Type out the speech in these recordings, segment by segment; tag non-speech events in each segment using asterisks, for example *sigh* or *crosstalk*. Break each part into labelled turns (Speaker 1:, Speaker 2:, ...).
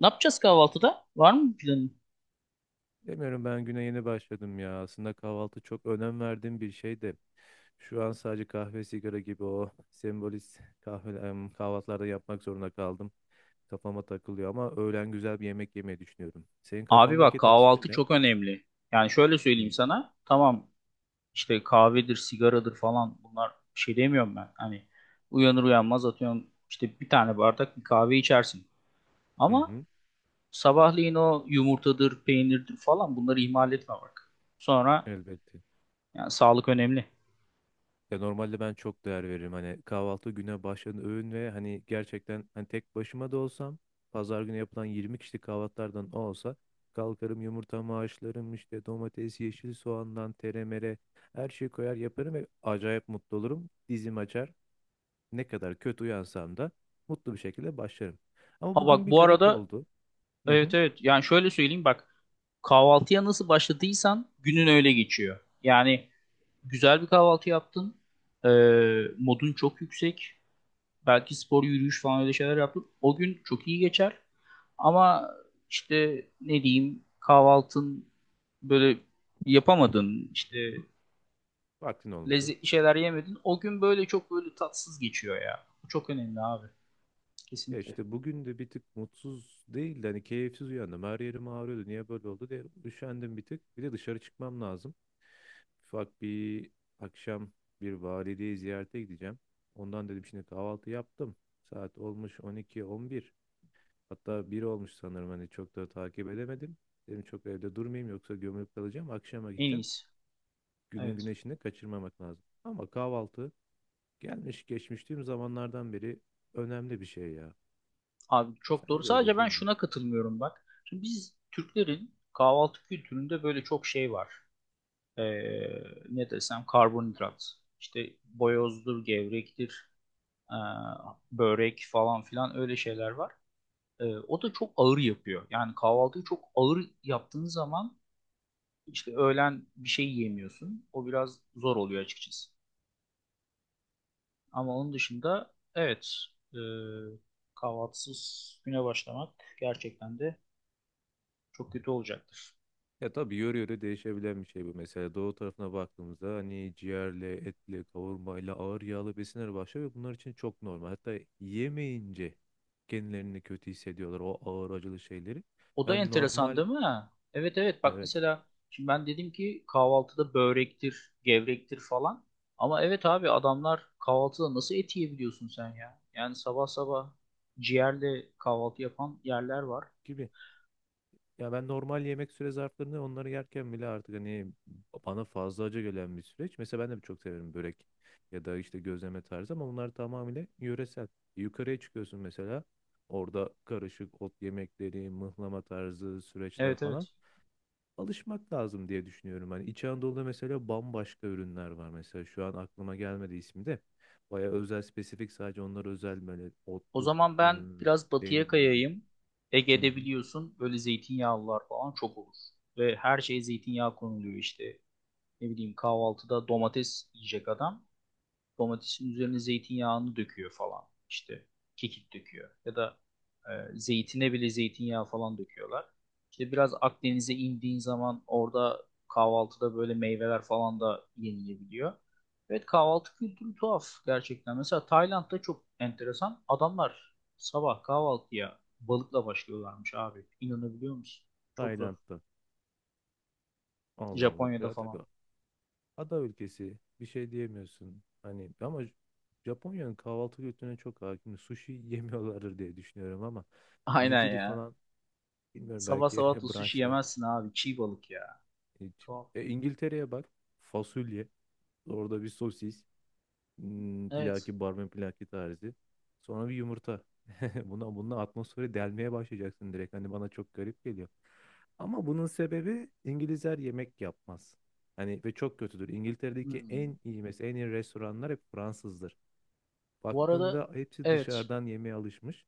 Speaker 1: Ne yapacağız kahvaltıda? Var mı bir planın?
Speaker 2: Demiyorum ben güne yeni başladım ya. Aslında kahvaltı çok önem verdiğim bir şeydi. Şu an sadece kahve, sigara gibi o sembolist kahvaltılarda yapmak zorunda kaldım. Kafama takılıyor ama öğlen güzel bir yemek yemeyi düşünüyorum. Senin
Speaker 1: Abi bak,
Speaker 2: kafandaki tasvir
Speaker 1: kahvaltı
Speaker 2: ne?
Speaker 1: çok önemli. Yani şöyle
Speaker 2: Hı
Speaker 1: söyleyeyim sana. Tamam, işte kahvedir, sigaradır falan, bunlar bir şey demiyorum ben. Hani uyanır uyanmaz, atıyorum, işte bir tane bardak bir kahve içersin.
Speaker 2: hı.
Speaker 1: Ama
Speaker 2: Hı.
Speaker 1: sabahleyin o yumurtadır, peynirdir falan, bunları ihmal etme bak. Sonra
Speaker 2: Elbette.
Speaker 1: yani sağlık önemli.
Speaker 2: Ya normalde ben çok değer veririm. Hani kahvaltı güne başlayan öğün ve hani gerçekten hani tek başıma da olsam pazar günü yapılan 20 kişilik kahvaltılardan o olsa kalkarım yumurtamı haşlarım işte domates, yeşil soğandan teremere her şeyi koyar yaparım ve acayip mutlu olurum. Dizim açar. Ne kadar kötü uyansam da mutlu bir şekilde başlarım. Ama
Speaker 1: Ha
Speaker 2: bugün
Speaker 1: bak
Speaker 2: bir
Speaker 1: bu
Speaker 2: garip
Speaker 1: arada,
Speaker 2: oldu. Hı
Speaker 1: evet
Speaker 2: hı.
Speaker 1: evet, yani şöyle söyleyeyim bak, kahvaltıya nasıl başladıysan günün öyle geçiyor. Yani güzel bir kahvaltı yaptın. Ee, Modun çok yüksek. Belki spor, yürüyüş falan, öyle şeyler yaptın. O gün çok iyi geçer. Ama işte ne diyeyim, kahvaltın böyle yapamadın. İşte
Speaker 2: Vaktin olmadı.
Speaker 1: lezzetli şeyler yemedin. O gün böyle çok böyle tatsız geçiyor ya. Bu çok önemli abi.
Speaker 2: Ya
Speaker 1: Kesinlikle.
Speaker 2: işte bugün de bir tık mutsuz değil de hani keyifsiz uyandım. Her yerim ağrıyordu. Niye böyle oldu diye üşendim bir tık. Bir de dışarı çıkmam lazım. Ufak bir akşam bir valideyi ziyarete gideceğim. Ondan dedim şimdi kahvaltı yaptım. Saat olmuş 12-11. Hatta 1 olmuş sanırım hani çok da takip edemedim. Dedim çok evde durmayayım yoksa gömülüp kalacağım. Akşama
Speaker 1: En
Speaker 2: gideceğim.
Speaker 1: iyisi.
Speaker 2: Günün
Speaker 1: Evet.
Speaker 2: güneşini kaçırmamak lazım. Ama kahvaltı gelmiş geçmiş tüm zamanlardan beri önemli bir şey ya.
Speaker 1: Abi çok
Speaker 2: Sence
Speaker 1: doğru.
Speaker 2: de
Speaker 1: Sadece
Speaker 2: öyle
Speaker 1: ben
Speaker 2: değil mi?
Speaker 1: şuna katılmıyorum bak. Şimdi biz Türklerin kahvaltı kültüründe böyle çok şey var. e, Ne desem, karbonhidrat. İşte boyozdur, gevrektir, e, börek falan filan, öyle şeyler var. E, o da çok ağır yapıyor. Yani kahvaltıyı çok ağır yaptığın zaman, işte öğlen bir şey yiyemiyorsun. O biraz zor oluyor açıkçası. Ama onun dışında evet, e, kahvaltısız güne başlamak gerçekten de çok kötü olacaktır.
Speaker 2: Ya tabii yöre yöre değişebilen bir şey bu. Mesela doğu tarafına baktığımızda hani ciğerle, etle, kavurmayla, ağır yağlı besinler başlıyor ve bunlar için çok normal. Hatta yemeyince kendilerini kötü hissediyorlar o ağır acılı şeyleri.
Speaker 1: O da
Speaker 2: Ben
Speaker 1: enteresan
Speaker 2: normal,
Speaker 1: değil mi? Evet evet, bak
Speaker 2: evet,
Speaker 1: mesela şimdi ben dedim ki kahvaltıda börektir, gevrektir falan. Ama evet abi, adamlar kahvaltıda nasıl et yiyebiliyorsun sen ya? Yani sabah sabah ciğerle kahvaltı yapan yerler var.
Speaker 2: gibi. Ya ben normal yemek süre zarflarını onları yerken bile artık hani bana fazla acı gelen bir süreç. Mesela ben de çok severim börek ya da işte gözleme tarzı ama bunlar tamamıyla yöresel. Yukarıya çıkıyorsun mesela orada karışık ot yemekleri, mıhlama tarzı süreçler
Speaker 1: Evet
Speaker 2: falan
Speaker 1: evet.
Speaker 2: alışmak lazım diye düşünüyorum. Hani İç Anadolu'da mesela bambaşka ürünler var. Mesela şu an aklıma gelmedi ismi de. Baya özel, spesifik sadece onlar özel böyle
Speaker 1: O
Speaker 2: otlu
Speaker 1: zaman ben
Speaker 2: ıı,
Speaker 1: biraz batıya
Speaker 2: Peynir neydi?
Speaker 1: kayayım.
Speaker 2: Hı
Speaker 1: Ege'de
Speaker 2: hı.
Speaker 1: biliyorsun böyle zeytinyağlılar falan çok olur. Ve her şeye zeytinyağı konuluyor işte. Ne bileyim, kahvaltıda domates yiyecek adam. Domatesin üzerine zeytinyağını döküyor falan. İşte kekik döküyor. Ya da zeytine bile zeytinyağı falan döküyorlar. İşte biraz Akdeniz'e indiğin zaman orada kahvaltıda böyle meyveler falan da yenilebiliyor. Evet, kahvaltı kültürü tuhaf gerçekten. Mesela Tayland'da çok enteresan. Adamlar sabah kahvaltıya balıkla başlıyorlarmış abi. İnanabiliyor musun? Çok zor.
Speaker 2: Tayland'da. Allah Allah. Ya,
Speaker 1: Japonya'da falan.
Speaker 2: ada ülkesi bir şey diyemiyorsun. Hani ama Japonya'nın kahvaltı kültürüne çok hakim. Sushi *laughs* yemiyorlardır diye düşünüyorum ama
Speaker 1: *laughs* Aynen
Speaker 2: nigiri
Speaker 1: ya.
Speaker 2: falan bilmiyorum
Speaker 1: Sabah
Speaker 2: belki
Speaker 1: sabah da
Speaker 2: *laughs*
Speaker 1: sushi
Speaker 2: brunchlar
Speaker 1: yemezsin abi. Çiğ balık ya.
Speaker 2: hiç.
Speaker 1: Tuhaf.
Speaker 2: E, İngiltere'ye bak, fasulye, orada bir sosis,
Speaker 1: Evet.
Speaker 2: Plaki, barmen plaki tarzı. Sonra bir yumurta. *laughs* Bununla atmosferi delmeye başlayacaksın direkt. Hani bana çok garip geliyor. Ama bunun sebebi İngilizler yemek yapmaz. Hani ve çok kötüdür. İngiltere'deki
Speaker 1: Hmm.
Speaker 2: en iyi restoranlar hep Fransızdır.
Speaker 1: Bu arada
Speaker 2: Baktığında hepsi
Speaker 1: evet,
Speaker 2: dışarıdan yemeğe alışmış.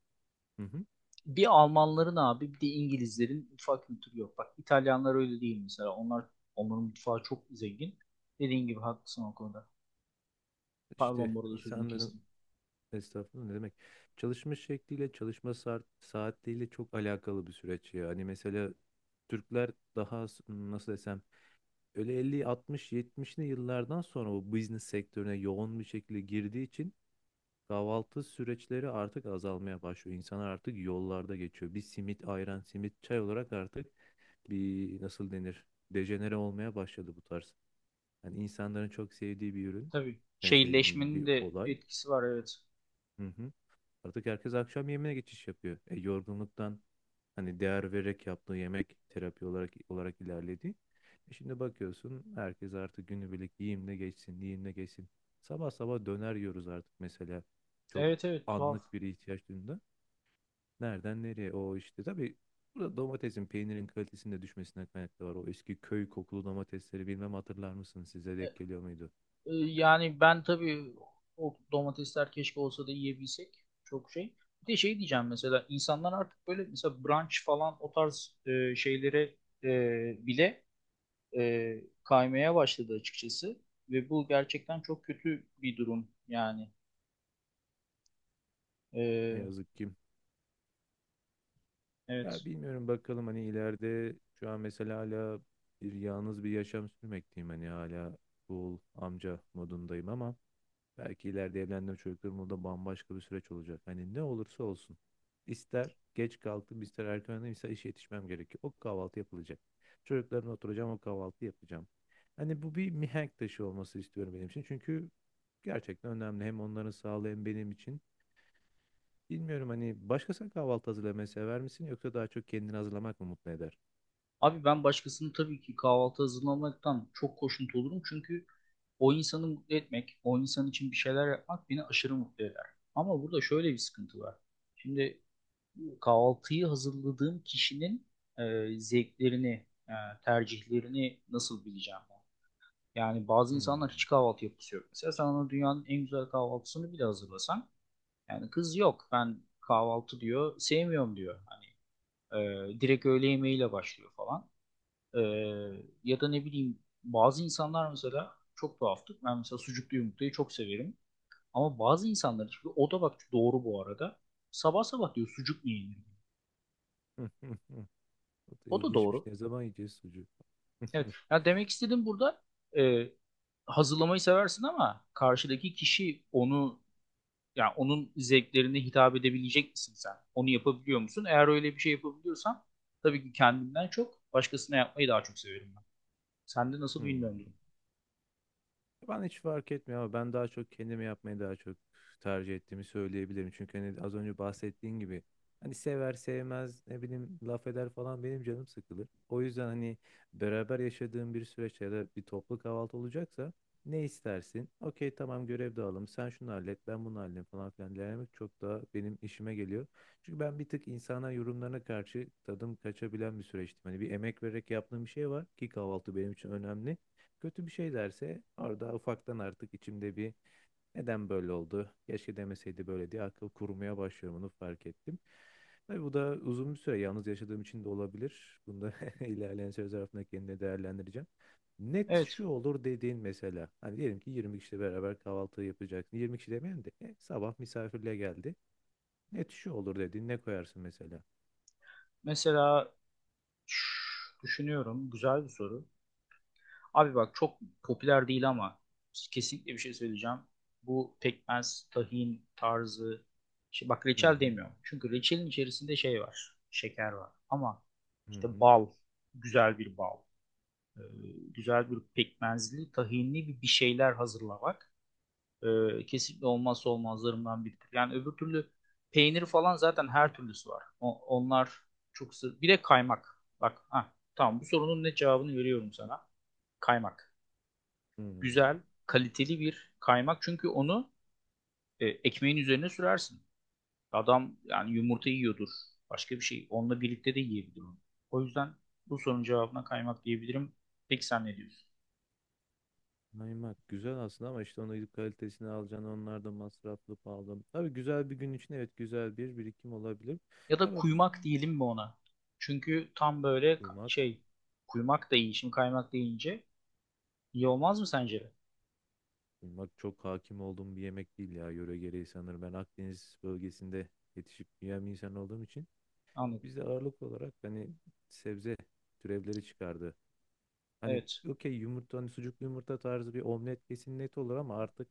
Speaker 2: Hı hı.
Speaker 1: bir Almanların abi, bir de İngilizlerin mutfak kültürü yok. Bak İtalyanlar öyle değil mesela. Onların mutfağı çok zengin. Dediğin gibi haklısın o konuda. Pardon
Speaker 2: İşte
Speaker 1: bu arada, sözünü
Speaker 2: insanların
Speaker 1: kestim.
Speaker 2: estağfurullah ne demek? Çalışma şekliyle, çalışma saatleriyle çok alakalı bir süreç ya. Hani mesela Türkler daha nasıl desem öyle 50, 60, yetmişli yıllardan sonra bu business sektörüne yoğun bir şekilde girdiği için kahvaltı süreçleri artık azalmaya başlıyor. İnsanlar artık yollarda geçiyor. Bir simit, ayran, simit, çay olarak artık bir nasıl denir? Dejenere olmaya başladı bu tarz. Yani insanların çok sevdiği bir ürün.
Speaker 1: Tabii
Speaker 2: Yani şey bir
Speaker 1: şehirleşmenin de
Speaker 2: olay.
Speaker 1: etkisi var, evet.
Speaker 2: Hı hı. Artık herkes akşam yemeğine geçiş yapıyor. Yorgunluktan hani değer vererek yaptığı yemek terapi olarak ilerledi. Şimdi bakıyorsun herkes artık günübirlik yiyeyim geçsin, yiyeyim geçsin. Sabah sabah döner yiyoruz artık mesela. Çok
Speaker 1: Evet evet, tuhaf.
Speaker 2: anlık bir ihtiyaç duyduğunda. Nereden nereye o işte. Tabii burada domatesin, peynirin kalitesinde düşmesine kaynaklı var. O eski köy kokulu domatesleri bilmem hatırlar mısınız? Size
Speaker 1: E,
Speaker 2: denk geliyor muydu?
Speaker 1: Yani ben tabii o domatesler keşke olsa da yiyebilsek. Çok şey. Bir de şey diyeceğim, mesela insanlar artık böyle mesela brunch falan, o tarz şeylere bile e, kaymaya başladı açıkçası. Ve bu gerçekten çok kötü bir durum yani.
Speaker 2: Ne
Speaker 1: E,
Speaker 2: yazık ki. Ya
Speaker 1: evet.
Speaker 2: bilmiyorum bakalım hani ileride şu an mesela hala bir yalnız bir yaşam sürmekteyim hani hala cool amca modundayım ama belki ileride evlendiğim çocuklarımla da bambaşka bir süreç olacak. Hani ne olursa olsun ister geç kalktım ister erken uyandım ister işe yetişmem gerekiyor. O kahvaltı yapılacak. Çocuklarımla oturacağım o kahvaltı yapacağım. Hani bu bir mihenk taşı olması istiyorum benim için çünkü gerçekten önemli hem onların sağlığı hem benim için. Bilmiyorum hani başkasına kahvaltı hazırlamayı sever misin yoksa daha çok kendini hazırlamak mı mutlu eder?
Speaker 1: Abi ben başkasını tabii ki kahvaltı hazırlamaktan çok hoşnut olurum. Çünkü o insanı mutlu etmek, o insan için bir şeyler yapmak beni aşırı mutlu eder. Ama burada şöyle bir sıkıntı var. Şimdi kahvaltıyı hazırladığım kişinin zevklerini, tercihlerini nasıl bileceğim ben? Yani bazı insanlar
Speaker 2: Hmm.
Speaker 1: hiç kahvaltı yapısı yok. Mesela sen ona dünyanın en güzel kahvaltısını bile hazırlasan, yani kız yok ben kahvaltı, diyor, sevmiyorum, diyor. Hani direkt öğle yemeğiyle başlıyor falan. E, Ya da ne bileyim, bazı insanlar mesela çok tuhaftır. Ben mesela sucuklu yumurtayı çok severim. Ama bazı insanlar, çünkü o da bak doğru bu arada, sabah sabah diyor sucuk mu yenir?
Speaker 2: *laughs* O da
Speaker 1: O da
Speaker 2: ilginçmiş.
Speaker 1: doğru.
Speaker 2: Ne zaman yiyeceğiz sucuğu?
Speaker 1: Evet.
Speaker 2: *laughs*
Speaker 1: Yani demek istediğim burada, e, hazırlamayı seversin ama karşıdaki kişi onu, yani onun zevklerine hitap edebilecek misin sen? Onu yapabiliyor musun? Eğer öyle bir şey yapabiliyorsan, tabii ki kendimden çok başkasına yapmayı daha çok severim ben. Sende nasıl bilmiyorum
Speaker 2: Hmm.
Speaker 1: durum.
Speaker 2: Ben hiç fark etmiyor ama ben daha çok kendimi yapmayı daha çok tercih ettiğimi söyleyebilirim. Çünkü hani az önce bahsettiğin gibi hani sever sevmez ne bileyim laf eder falan benim canım sıkılır. O yüzden hani beraber yaşadığım bir süreçte ya da bir toplu kahvaltı olacaksa ne istersin? Okey, tamam, görev dağılım sen şunu hallet ben bunu halledeyim falan filan denemek çok daha benim işime geliyor. Çünkü ben bir tık insana yorumlarına karşı tadım kaçabilen bir süreçtim. Hani bir emek vererek yaptığım bir şey var ki kahvaltı benim için önemli, kötü bir şey derse orada ufaktan artık içimde bir neden böyle oldu? Keşke demeseydi böyle diye akıl kurmaya başlıyorum onu fark ettim. Tabii bu da uzun bir süre yalnız yaşadığım için de olabilir. Bunu da *laughs* ilerleyen süre zarfında kendine değerlendireceğim. Net
Speaker 1: Evet.
Speaker 2: şu olur dediğin mesela. Hani diyelim ki 20 kişiyle beraber kahvaltı yapacaksın. 20 kişi demeyelim de sabah misafirle geldi. Net şu olur dediğin ne koyarsın mesela?
Speaker 1: Mesela şş, düşünüyorum. Güzel bir soru. Abi bak, çok popüler değil ama kesinlikle bir şey söyleyeceğim. Bu pekmez, tahin tarzı. Şey, bak
Speaker 2: Hı,
Speaker 1: reçel demiyorum. Çünkü reçelin içerisinde şey var. Şeker var. Ama
Speaker 2: hı
Speaker 1: işte
Speaker 2: hı,
Speaker 1: bal. Güzel bir bal. e, Güzel bir pekmezli, tahinli bir şeyler hazırlamak kesinlikle olmazsa olmazlarımdan biridir. Yani öbür türlü peynir falan zaten her türlüsü var. Onlar çok sır. Bir de kaymak. Bak, ha, tamam, bu sorunun ne cevabını veriyorum sana. Kaymak.
Speaker 2: hı hı.
Speaker 1: Güzel, kaliteli bir kaymak. Çünkü onu ekmeğin üzerine sürersin. Adam yani yumurta yiyordur. Başka bir şey. Onunla birlikte de yiyebilir onu. O yüzden bu sorunun cevabına kaymak diyebilirim. Peki sen ne diyorsun?
Speaker 2: Kaymak güzel aslında ama işte onu gidip kalitesini alacaksın. Onlar da masraflı pahalı. Tabii güzel bir gün için evet güzel bir birikim olabilir.
Speaker 1: Ya da
Speaker 2: Ya ben
Speaker 1: kuymak diyelim mi ona? Çünkü tam böyle
Speaker 2: kuymak,
Speaker 1: kuymak da iyi. Şimdi kaymak deyince iyi olmaz mı sence de?
Speaker 2: Kuymak çok hakim olduğum bir yemek değil ya. Yöre gereği sanırım. Ben Akdeniz bölgesinde yetişip büyüyen bir insan olduğum için
Speaker 1: Anladım.
Speaker 2: biz de ağırlık olarak hani sebze türevleri çıkardı. Hani
Speaker 1: Evet.
Speaker 2: okey yumurta hani sucuklu yumurta tarzı bir omlet kesin net olur ama artık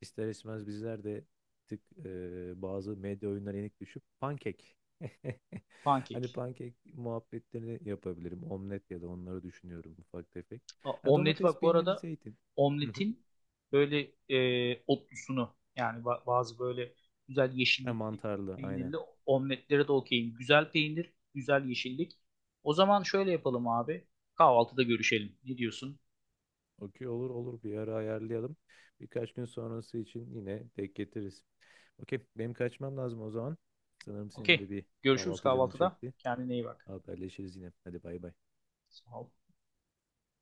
Speaker 2: ister istemez bizler de tık bazı medya oyunlarına yenik düşüp pankek. *laughs*
Speaker 1: Pankek.
Speaker 2: Hani pankek muhabbetlerini yapabilirim. Omlet ya da onları düşünüyorum ufak tefek. Ha,
Speaker 1: Omleti
Speaker 2: domates,
Speaker 1: bak bu
Speaker 2: peyniri,
Speaker 1: arada,
Speaker 2: zeytin. Hı hı.
Speaker 1: omletin böyle otlusunu, yani bazı böyle güzel
Speaker 2: Ha,
Speaker 1: yeşillikli,
Speaker 2: mantarlı aynen.
Speaker 1: peynirli omletlere de okeyim. Güzel peynir, güzel yeşillik. O zaman şöyle yapalım abi. Kahvaltıda görüşelim. Ne diyorsun?
Speaker 2: Okey, olur olur, bir ara ayarlayalım. Birkaç gün sonrası için yine denk getiririz. Okey benim kaçmam lazım o zaman. Sanırım senin
Speaker 1: Okey.
Speaker 2: de bir
Speaker 1: Görüşürüz
Speaker 2: kahvaltı canın
Speaker 1: kahvaltıda.
Speaker 2: çekti.
Speaker 1: Kendine iyi bak.
Speaker 2: Haberleşiriz yine. Hadi bay bay.
Speaker 1: Sağ ol.